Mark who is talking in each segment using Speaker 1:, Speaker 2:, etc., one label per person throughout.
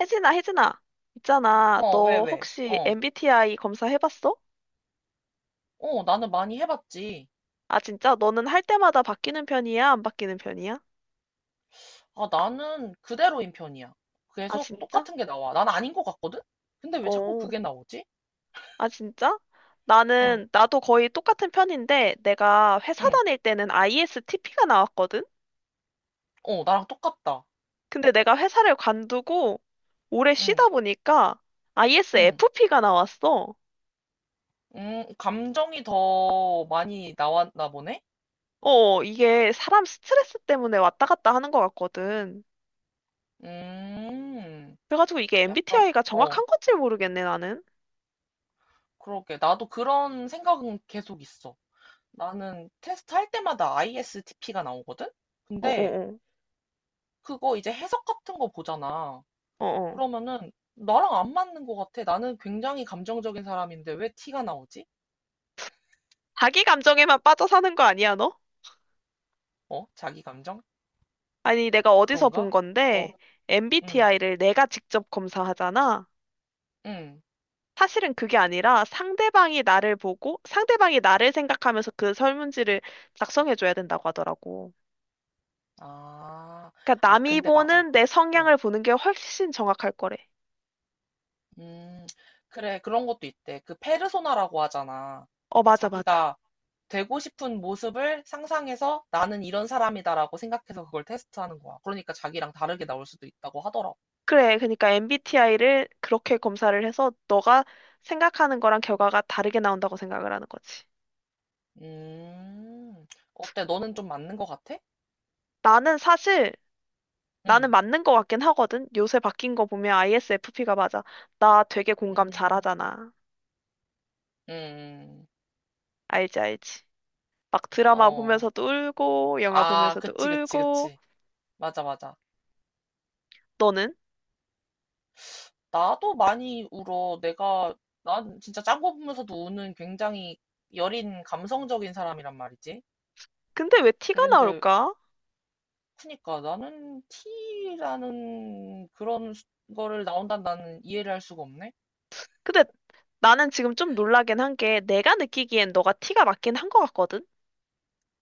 Speaker 1: 혜진아, 혜진아. 있잖아.
Speaker 2: 어, 왜,
Speaker 1: 너
Speaker 2: 왜?
Speaker 1: 혹시
Speaker 2: 어.
Speaker 1: MBTI 검사 해봤어?
Speaker 2: 어, 나는 많이 해봤지.
Speaker 1: 아, 진짜? 너는 할 때마다 바뀌는 편이야? 안 바뀌는 편이야?
Speaker 2: 아, 나는 그대로인 편이야.
Speaker 1: 아,
Speaker 2: 계속
Speaker 1: 진짜?
Speaker 2: 똑같은 게 나와. 난 아닌 것 같거든? 근데 왜 자꾸
Speaker 1: 어.
Speaker 2: 그게 나오지?
Speaker 1: 아, 진짜?
Speaker 2: 응,
Speaker 1: 나도 거의 똑같은 편인데, 내가 회사
Speaker 2: 응.
Speaker 1: 다닐 때는 ISTP가 나왔거든?
Speaker 2: 어, 나랑 똑같다.
Speaker 1: 근데 내가 회사를 관두고 오래
Speaker 2: 응,
Speaker 1: 쉬다 보니까
Speaker 2: 응.
Speaker 1: ISFP가 나왔어.
Speaker 2: 감정이 더 많이 나왔나 보네?
Speaker 1: 어, 이게 사람 스트레스 때문에 왔다 갔다 하는 것 같거든.
Speaker 2: 음,
Speaker 1: 그래가지고 이게
Speaker 2: 약간,
Speaker 1: MBTI가
Speaker 2: 어,
Speaker 1: 정확한 건지 모르겠네, 나는.
Speaker 2: 그러게. 나도 그런 생각은 계속 있어. 나는 테스트 할 때마다 ISTP가 나오거든? 근데
Speaker 1: 어어어.
Speaker 2: 그거 이제 해석 같은 거 보잖아.
Speaker 1: 어, 어.
Speaker 2: 그러면은 나랑 안 맞는 것 같아. 나는 굉장히 감정적인 사람인데 왜 티가 나오지?
Speaker 1: 자기 감정에만 빠져 사는 거 아니야, 너?
Speaker 2: 어? 자기 감정?
Speaker 1: 아니, 내가 어디서 본
Speaker 2: 그런가?
Speaker 1: 건데,
Speaker 2: 어, 응,
Speaker 1: MBTI를 내가 직접 검사하잖아.
Speaker 2: 응.
Speaker 1: 사실은 그게 아니라 상대방이 나를 보고, 상대방이 나를 생각하면서 그 설문지를 작성해줘야 된다고 하더라고.
Speaker 2: 아,
Speaker 1: 그러니까
Speaker 2: 아,
Speaker 1: 남이
Speaker 2: 근데 맞아.
Speaker 1: 보는 내
Speaker 2: 어,
Speaker 1: 성향을 보는 게 훨씬 정확할 거래.
Speaker 2: 음, 그래. 그런 것도 있대. 그 페르소나라고 하잖아.
Speaker 1: 어, 맞아, 맞아.
Speaker 2: 자기가 되고 싶은 모습을 상상해서 나는 이런 사람이다라고 생각해서 그걸 테스트하는 거야. 그러니까 자기랑 다르게 나올 수도 있다고 하더라고.
Speaker 1: 그래, 그러니까 MBTI를 그렇게 검사를 해서 너가 생각하는 거랑 결과가 다르게 나온다고 생각을 하는 거지.
Speaker 2: 음, 어때? 너는 좀 맞는 것 같아?
Speaker 1: 나는 사실 나는
Speaker 2: 응.
Speaker 1: 맞는 거 같긴 하거든. 요새 바뀐 거 보면 ISFP가 맞아. 나 되게 공감
Speaker 2: 음.
Speaker 1: 잘하잖아.
Speaker 2: 음,
Speaker 1: 알지, 알지. 막 드라마
Speaker 2: 어.
Speaker 1: 보면서도 울고, 영화
Speaker 2: 아,
Speaker 1: 보면서도
Speaker 2: 그치, 그치,
Speaker 1: 울고.
Speaker 2: 그치. 맞아, 맞아.
Speaker 1: 너는?
Speaker 2: 나도 많이 울어. 난 진짜 짠 거 보면서도 우는 굉장히 여린 감성적인 사람이란 말이지.
Speaker 1: 근데 왜 티가
Speaker 2: 그런데,
Speaker 1: 나올까?
Speaker 2: 그니까 나는 T라는 그런 거를 나온다는 나는 이해를 할 수가 없네.
Speaker 1: 근데 나는 지금 좀 놀라긴 한 게 내가 느끼기엔 너가 티가 맞긴 한 거 같거든?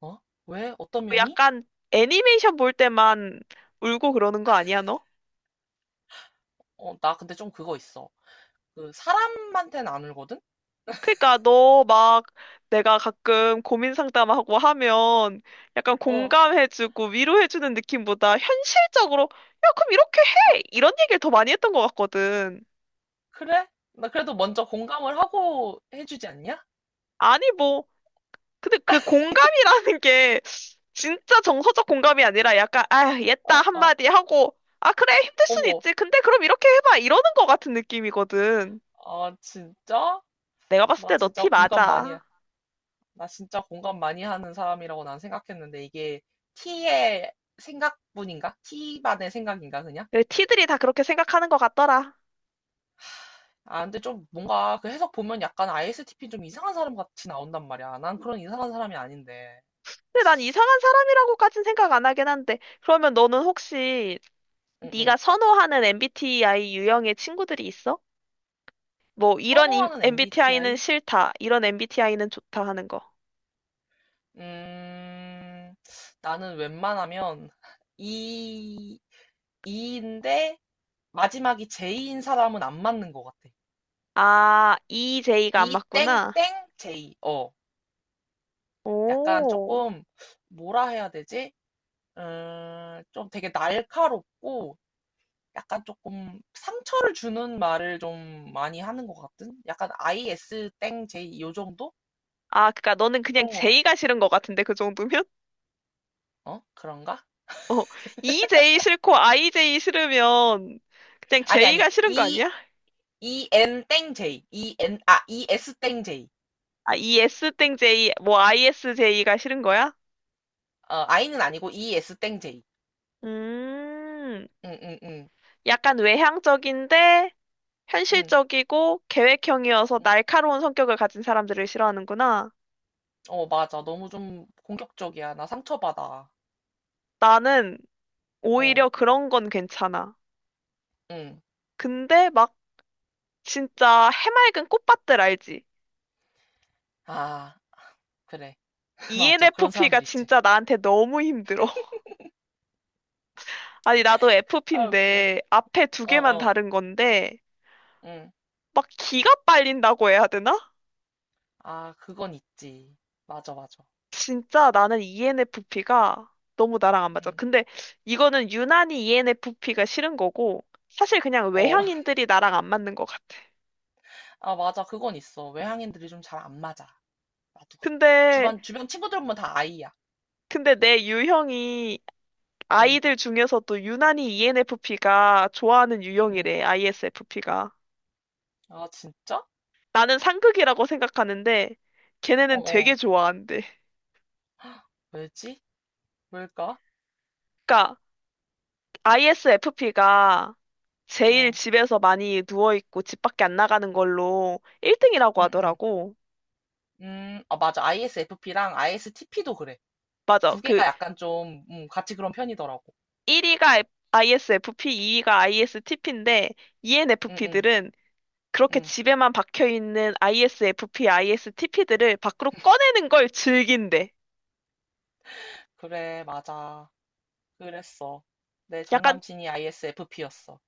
Speaker 2: 어? 왜? 어떤
Speaker 1: 어,
Speaker 2: 면이?
Speaker 1: 약간 애니메이션 볼 때만 울고 그러는 거 아니야, 너?
Speaker 2: 어, 나 근데 좀 그거 있어. 그, 사람한테는 안 울거든?
Speaker 1: 그러니까 너 막 내가 가끔 고민 상담하고 하면 약간
Speaker 2: 어,
Speaker 1: 공감해주고 위로해주는 느낌보다 현실적으로 야, 그럼 이렇게
Speaker 2: 어,
Speaker 1: 해! 이런 얘기를 더 많이 했던 것 같거든.
Speaker 2: 그래? 나 그래도 먼저 공감을 하고 해주지 않냐?
Speaker 1: 아니 뭐 근데 그 공감이라는 게 진짜 정서적 공감이 아니라 약간 아,
Speaker 2: 어,
Speaker 1: 얘다
Speaker 2: 어.
Speaker 1: 한마디 하고 아, 그래 힘들 순
Speaker 2: 어머,
Speaker 1: 있지. 근데 그럼 이렇게 해봐. 이러는 것 같은 느낌이거든.
Speaker 2: 아, 진짜?
Speaker 1: 내가 봤을 때
Speaker 2: 나
Speaker 1: 너
Speaker 2: 진짜
Speaker 1: 티
Speaker 2: 공감 많이,
Speaker 1: 맞아.
Speaker 2: 해. 나 진짜 공감 많이 하는 사람이라고 난 생각했는데, 이게 T의 생각뿐인가? T만의 생각인가, 그냥?
Speaker 1: 그 티들이 다 그렇게 생각하는 것 같더라.
Speaker 2: 아, 근데 좀 뭔가 그 해석 보면 약간 ISTP 좀 이상한 사람 같이 나온단 말이야. 난 그런 이상한 사람이 아닌데.
Speaker 1: 근데 난 이상한 사람이라고까진 생각 안 하긴 한데, 그러면 너는 혹시
Speaker 2: 응,
Speaker 1: 네가
Speaker 2: 응.
Speaker 1: 선호하는 MBTI 유형의 친구들이 있어? 뭐, 이런
Speaker 2: 선호하는
Speaker 1: MBTI는
Speaker 2: MBTI?
Speaker 1: 싫다, 이런 MBTI는 좋다 하는 거.
Speaker 2: 음, 나는 웬만하면 E, E인데 마지막이 J인 사람은 안 맞는 것 같아.
Speaker 1: 아, EJ가 안
Speaker 2: E 땡땡
Speaker 1: 맞구나.
Speaker 2: J. 어. 약간
Speaker 1: 오.
Speaker 2: 조금 뭐라 해야 되지? 좀 되게 날카롭고 약간 조금 상처를 주는 말을 좀 많이 하는 것 같은? 약간 IS 땡 J 요 정도?
Speaker 1: 아, 그니까 너는 그냥
Speaker 2: 그런 것 같아.
Speaker 1: J가 싫은 것 같은데, 그 정도면?
Speaker 2: 어? 그런가?
Speaker 1: 어, EJ 싫고 IJ 싫으면 그냥
Speaker 2: 아니, 아니,
Speaker 1: J가 싫은 거
Speaker 2: E,
Speaker 1: 아니야?
Speaker 2: E N 땡 J, E N, 아, E S 땡 J.
Speaker 1: 아, ES 땡 J, 뭐 ISJ가 싫은 거야?
Speaker 2: 어, I는 아니고 E S 땡 J.
Speaker 1: 음.
Speaker 2: 응응응 응.
Speaker 1: 약간 외향적인데
Speaker 2: 응. 응,
Speaker 1: 현실적이고 계획형이어서
Speaker 2: 응.
Speaker 1: 날카로운 성격을 가진 사람들을 싫어하는구나.
Speaker 2: 어, 맞아. 너무 좀 공격적이야. 나 상처받아.
Speaker 1: 나는
Speaker 2: 어,
Speaker 1: 오히려 그런 건 괜찮아.
Speaker 2: 응.
Speaker 1: 근데 막 진짜 해맑은 꽃밭들 알지?
Speaker 2: 아, 그래. 맞아, 그런
Speaker 1: ENFP가
Speaker 2: 사람들 있지.
Speaker 1: 진짜 나한테 너무 힘들어. 아니, 나도
Speaker 2: 아, 웃겨.
Speaker 1: FP인데 앞에 두
Speaker 2: 어,
Speaker 1: 개만
Speaker 2: 어,
Speaker 1: 다른 건데
Speaker 2: 응.
Speaker 1: 막 기가 빨린다고 해야 되나?
Speaker 2: 아, 그건 있지. 맞아, 맞아.
Speaker 1: 진짜 나는 ENFP가 너무 나랑 안 맞아.
Speaker 2: 응,
Speaker 1: 근데 이거는 유난히 ENFP가 싫은 거고, 사실 그냥
Speaker 2: 어.
Speaker 1: 외향인들이 나랑 안 맞는 것 같아.
Speaker 2: 아, 맞아. 그건 있어. 외향인들이 좀 잘 안 맞아. 나도 그래.
Speaker 1: 근데,
Speaker 2: 주변 친구들 보면 다 아이야.
Speaker 1: 근데, 내 유형이
Speaker 2: 응,
Speaker 1: 아이들 중에서도 유난히 ENFP가 좋아하는
Speaker 2: 응.
Speaker 1: 유형이래, ISFP가.
Speaker 2: 아, 진짜?
Speaker 1: 나는 상극이라고 생각하는데,
Speaker 2: 어,
Speaker 1: 걔네는 되게
Speaker 2: 어.
Speaker 1: 좋아한대.
Speaker 2: 왜지? 왜일까?
Speaker 1: 그러니까 ISFP가 제일
Speaker 2: 어,
Speaker 1: 집에서 많이 누워있고 집 밖에 안 나가는 걸로 1등이라고
Speaker 2: 응, 응.
Speaker 1: 하더라고.
Speaker 2: 아, 맞아. ISFP랑 ISTP도 그래.
Speaker 1: 맞아.
Speaker 2: 두
Speaker 1: 그
Speaker 2: 개가 약간 좀, 같이 그런 편이더라고.
Speaker 1: 1위가 ISFP, 2위가 ISTP인데
Speaker 2: 응, 응,
Speaker 1: ENFP들은 그렇게
Speaker 2: 응.
Speaker 1: 집에만 박혀 있는 ISFP, ISTP들을 밖으로 꺼내는 걸 즐긴대.
Speaker 2: 그래, 맞아. 그랬어. 내 전
Speaker 1: 약간
Speaker 2: 남친이 ISFP였어.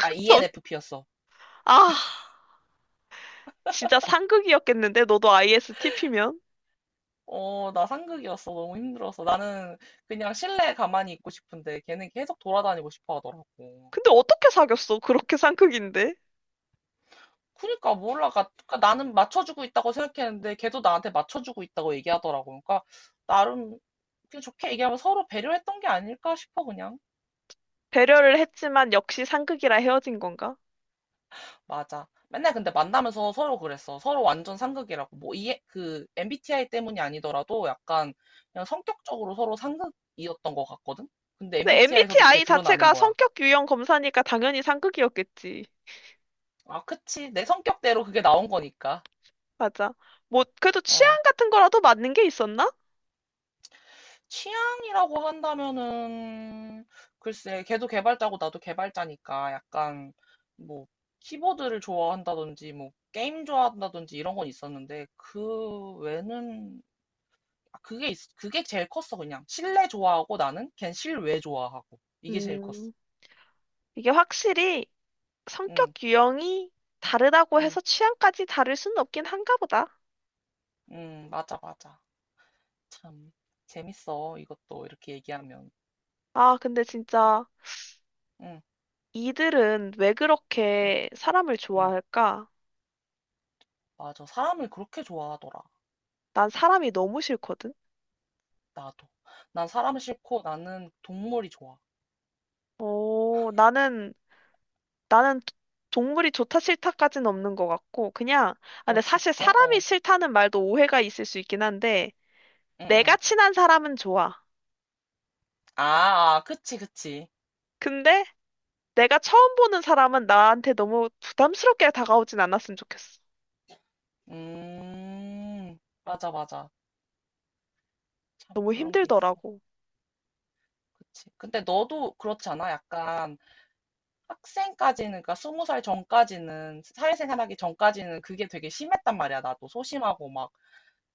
Speaker 2: 아,
Speaker 1: 전-
Speaker 2: ENFP였어.
Speaker 1: 아, 진짜 상극이었겠는데 너도 ISTP면?
Speaker 2: 어, 나 상극이었어. 너무 힘들어서. 나는 그냥 실내에 가만히 있고 싶은데 걔는 계속 돌아다니고 싶어 하더라고.
Speaker 1: 근데 어떻게 사귀었어? 그렇게 상극인데.
Speaker 2: 그러니까 몰라. 그러니까 나는 맞춰주고 있다고 생각했는데 걔도 나한테 맞춰주고 있다고 얘기하더라고. 그러니까 나름 그냥 좋게 얘기하면 서로 배려했던 게 아닐까 싶어 그냥.
Speaker 1: 배려를 했지만 역시 상극이라 헤어진 건가?
Speaker 2: 맞아. 맨날 근데 만나면서 서로 그랬어. 서로 완전 상극이라고. 뭐 이해 그 MBTI 때문이 아니더라도 약간 그냥 성격적으로 서로 상극이었던 것 같거든. 근데
Speaker 1: 근데
Speaker 2: MBTI에서도 그게
Speaker 1: MBTI
Speaker 2: 드러나는
Speaker 1: 자체가
Speaker 2: 거야.
Speaker 1: 성격 유형 검사니까 당연히 상극이었겠지.
Speaker 2: 아, 그치. 내 성격대로 그게 나온 거니까.
Speaker 1: 맞아. 뭐 그래도 취향
Speaker 2: 어,
Speaker 1: 같은 거라도 맞는 게 있었나?
Speaker 2: 취향이라고 한다면은, 글쎄, 걔도 개발자고 나도 개발자니까 약간, 뭐, 키보드를 좋아한다든지, 뭐, 게임 좋아한다든지 이런 건 있었는데, 그 외는 아, 그게 제일 컸어, 그냥. 실내 좋아하고 나는 걘 실외 좋아하고. 이게 제일 컸어.
Speaker 1: 음. 이게 확실히
Speaker 2: 응,
Speaker 1: 성격 유형이 다르다고
Speaker 2: 응,
Speaker 1: 해서 취향까지 다를 수는 없긴 한가 보다.
Speaker 2: 응, 맞아, 맞아. 참, 재밌어. 이것도 이렇게 얘기하면.
Speaker 1: 아, 근데 진짜
Speaker 2: 응,
Speaker 1: 이들은 왜
Speaker 2: 응,
Speaker 1: 그렇게 사람을
Speaker 2: 응.
Speaker 1: 좋아할까?
Speaker 2: 맞아. 사람을 그렇게 좋아하더라.
Speaker 1: 난 사람이 너무 싫거든.
Speaker 2: 나도. 난 사람 싫고 나는 동물이 좋아.
Speaker 1: 어, 나는 동물이 좋다 싫다까지는 없는 것 같고 그냥 아,
Speaker 2: 어,
Speaker 1: 근데 사실
Speaker 2: 진짜?
Speaker 1: 사람이
Speaker 2: 어,
Speaker 1: 싫다는 말도 오해가 있을 수 있긴 한데
Speaker 2: 응,
Speaker 1: 내가
Speaker 2: 응.
Speaker 1: 친한 사람은 좋아.
Speaker 2: 아, 아, 그치, 그치.
Speaker 1: 근데 내가 처음 보는 사람은 나한테 너무 부담스럽게 다가오진 않았으면 좋겠어.
Speaker 2: 음, 맞아, 맞아. 참,
Speaker 1: 너무
Speaker 2: 그런 게 있어.
Speaker 1: 힘들더라고.
Speaker 2: 그치. 근데 너도 그렇지 않아? 약간 학생까지는, 그러니까 20살 전까지는, 사회생활 하기 전까지는 그게 되게 심했단 말이야. 나도 소심하고 막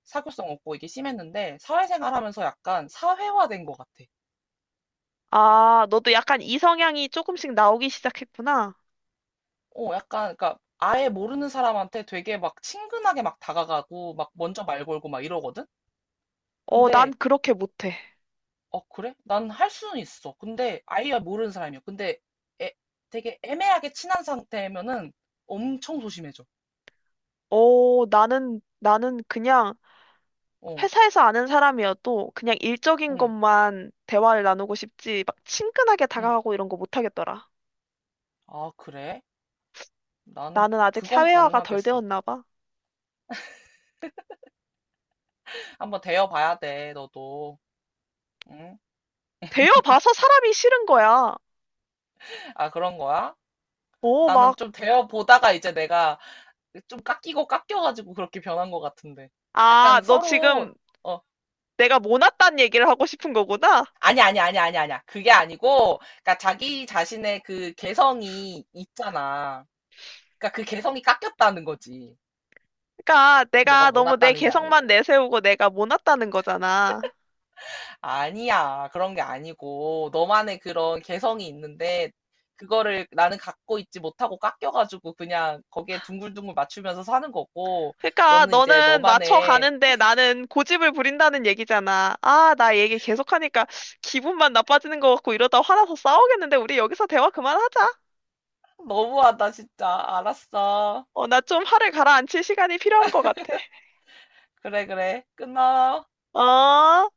Speaker 2: 사교성 없고 이게 심했는데, 사회생활 하면서 약간 사회화된 것 같아.
Speaker 1: 아, 너도 약간 이성향이 조금씩 나오기 시작했구나.
Speaker 2: 어, 약간, 그니까, 아예 모르는 사람한테 되게 막 친근하게 막 다가가고, 막 먼저 말 걸고 막 이러거든?
Speaker 1: 어, 난
Speaker 2: 근데,
Speaker 1: 그렇게 못해.
Speaker 2: 어, 그래? 난 할 수는 있어. 근데, 아예 모르는 사람이야. 근데, 애- 되게 애매하게 친한 상태면은 엄청 소심해져.
Speaker 1: 어, 나는 그냥
Speaker 2: 어,
Speaker 1: 회사에서 아는 사람이어도 그냥 일적인
Speaker 2: 응,
Speaker 1: 것만 대화를 나누고 싶지, 막 친근하게
Speaker 2: 응.
Speaker 1: 다가가고 이런 거 못하겠더라.
Speaker 2: 아, 그래? 나는
Speaker 1: 나는 아직
Speaker 2: 그건
Speaker 1: 사회화가 덜
Speaker 2: 가능하겠어.
Speaker 1: 되었나 봐.
Speaker 2: 한번 대여봐야 돼, 너도. 응?
Speaker 1: 되어봐서 사람이 싫은 거야.
Speaker 2: 아, 그런 거야?
Speaker 1: 어,
Speaker 2: 나는 좀
Speaker 1: 막,
Speaker 2: 대여보다가 이제 내가 좀 깎이고 깎여가지고 그렇게 변한 것 같은데.
Speaker 1: 아,
Speaker 2: 약간
Speaker 1: 너
Speaker 2: 서로,
Speaker 1: 지금
Speaker 2: 어,
Speaker 1: 내가 모났단 얘기를 하고 싶은 거구나?
Speaker 2: 아니, 아니, 아니, 아니, 아니야. 그게 아니고, 그러니까 자기 자신의 그 개성이 있잖아. 그러니까 그 개성이 깎였다는 거지.
Speaker 1: 그러니까 내가
Speaker 2: 너가
Speaker 1: 너무 내
Speaker 2: 못났다는 게
Speaker 1: 개성만
Speaker 2: 아니고.
Speaker 1: 내세우고 내가 모났다는 거잖아.
Speaker 2: 아니야. 그런 게 아니고, 너만의 그런 개성이 있는데, 그거를 나는 갖고 있지 못하고 깎여가지고 그냥 거기에 둥글둥글 맞추면서 사는 거고,
Speaker 1: 그러니까
Speaker 2: 너는 이제
Speaker 1: 너는
Speaker 2: 너만의,
Speaker 1: 맞춰가는데 나는 고집을 부린다는 얘기잖아. 아, 나 얘기 계속하니까 기분만 나빠지는 것 같고 이러다 화나서 싸우겠는데 우리 여기서 대화 그만하자.
Speaker 2: 너무하다, 진짜. 알았어.
Speaker 1: 어, 나 좀 화를 가라앉힐 시간이 필요한 것 같아.
Speaker 2: 그래, 그래. 끊어.
Speaker 1: 어?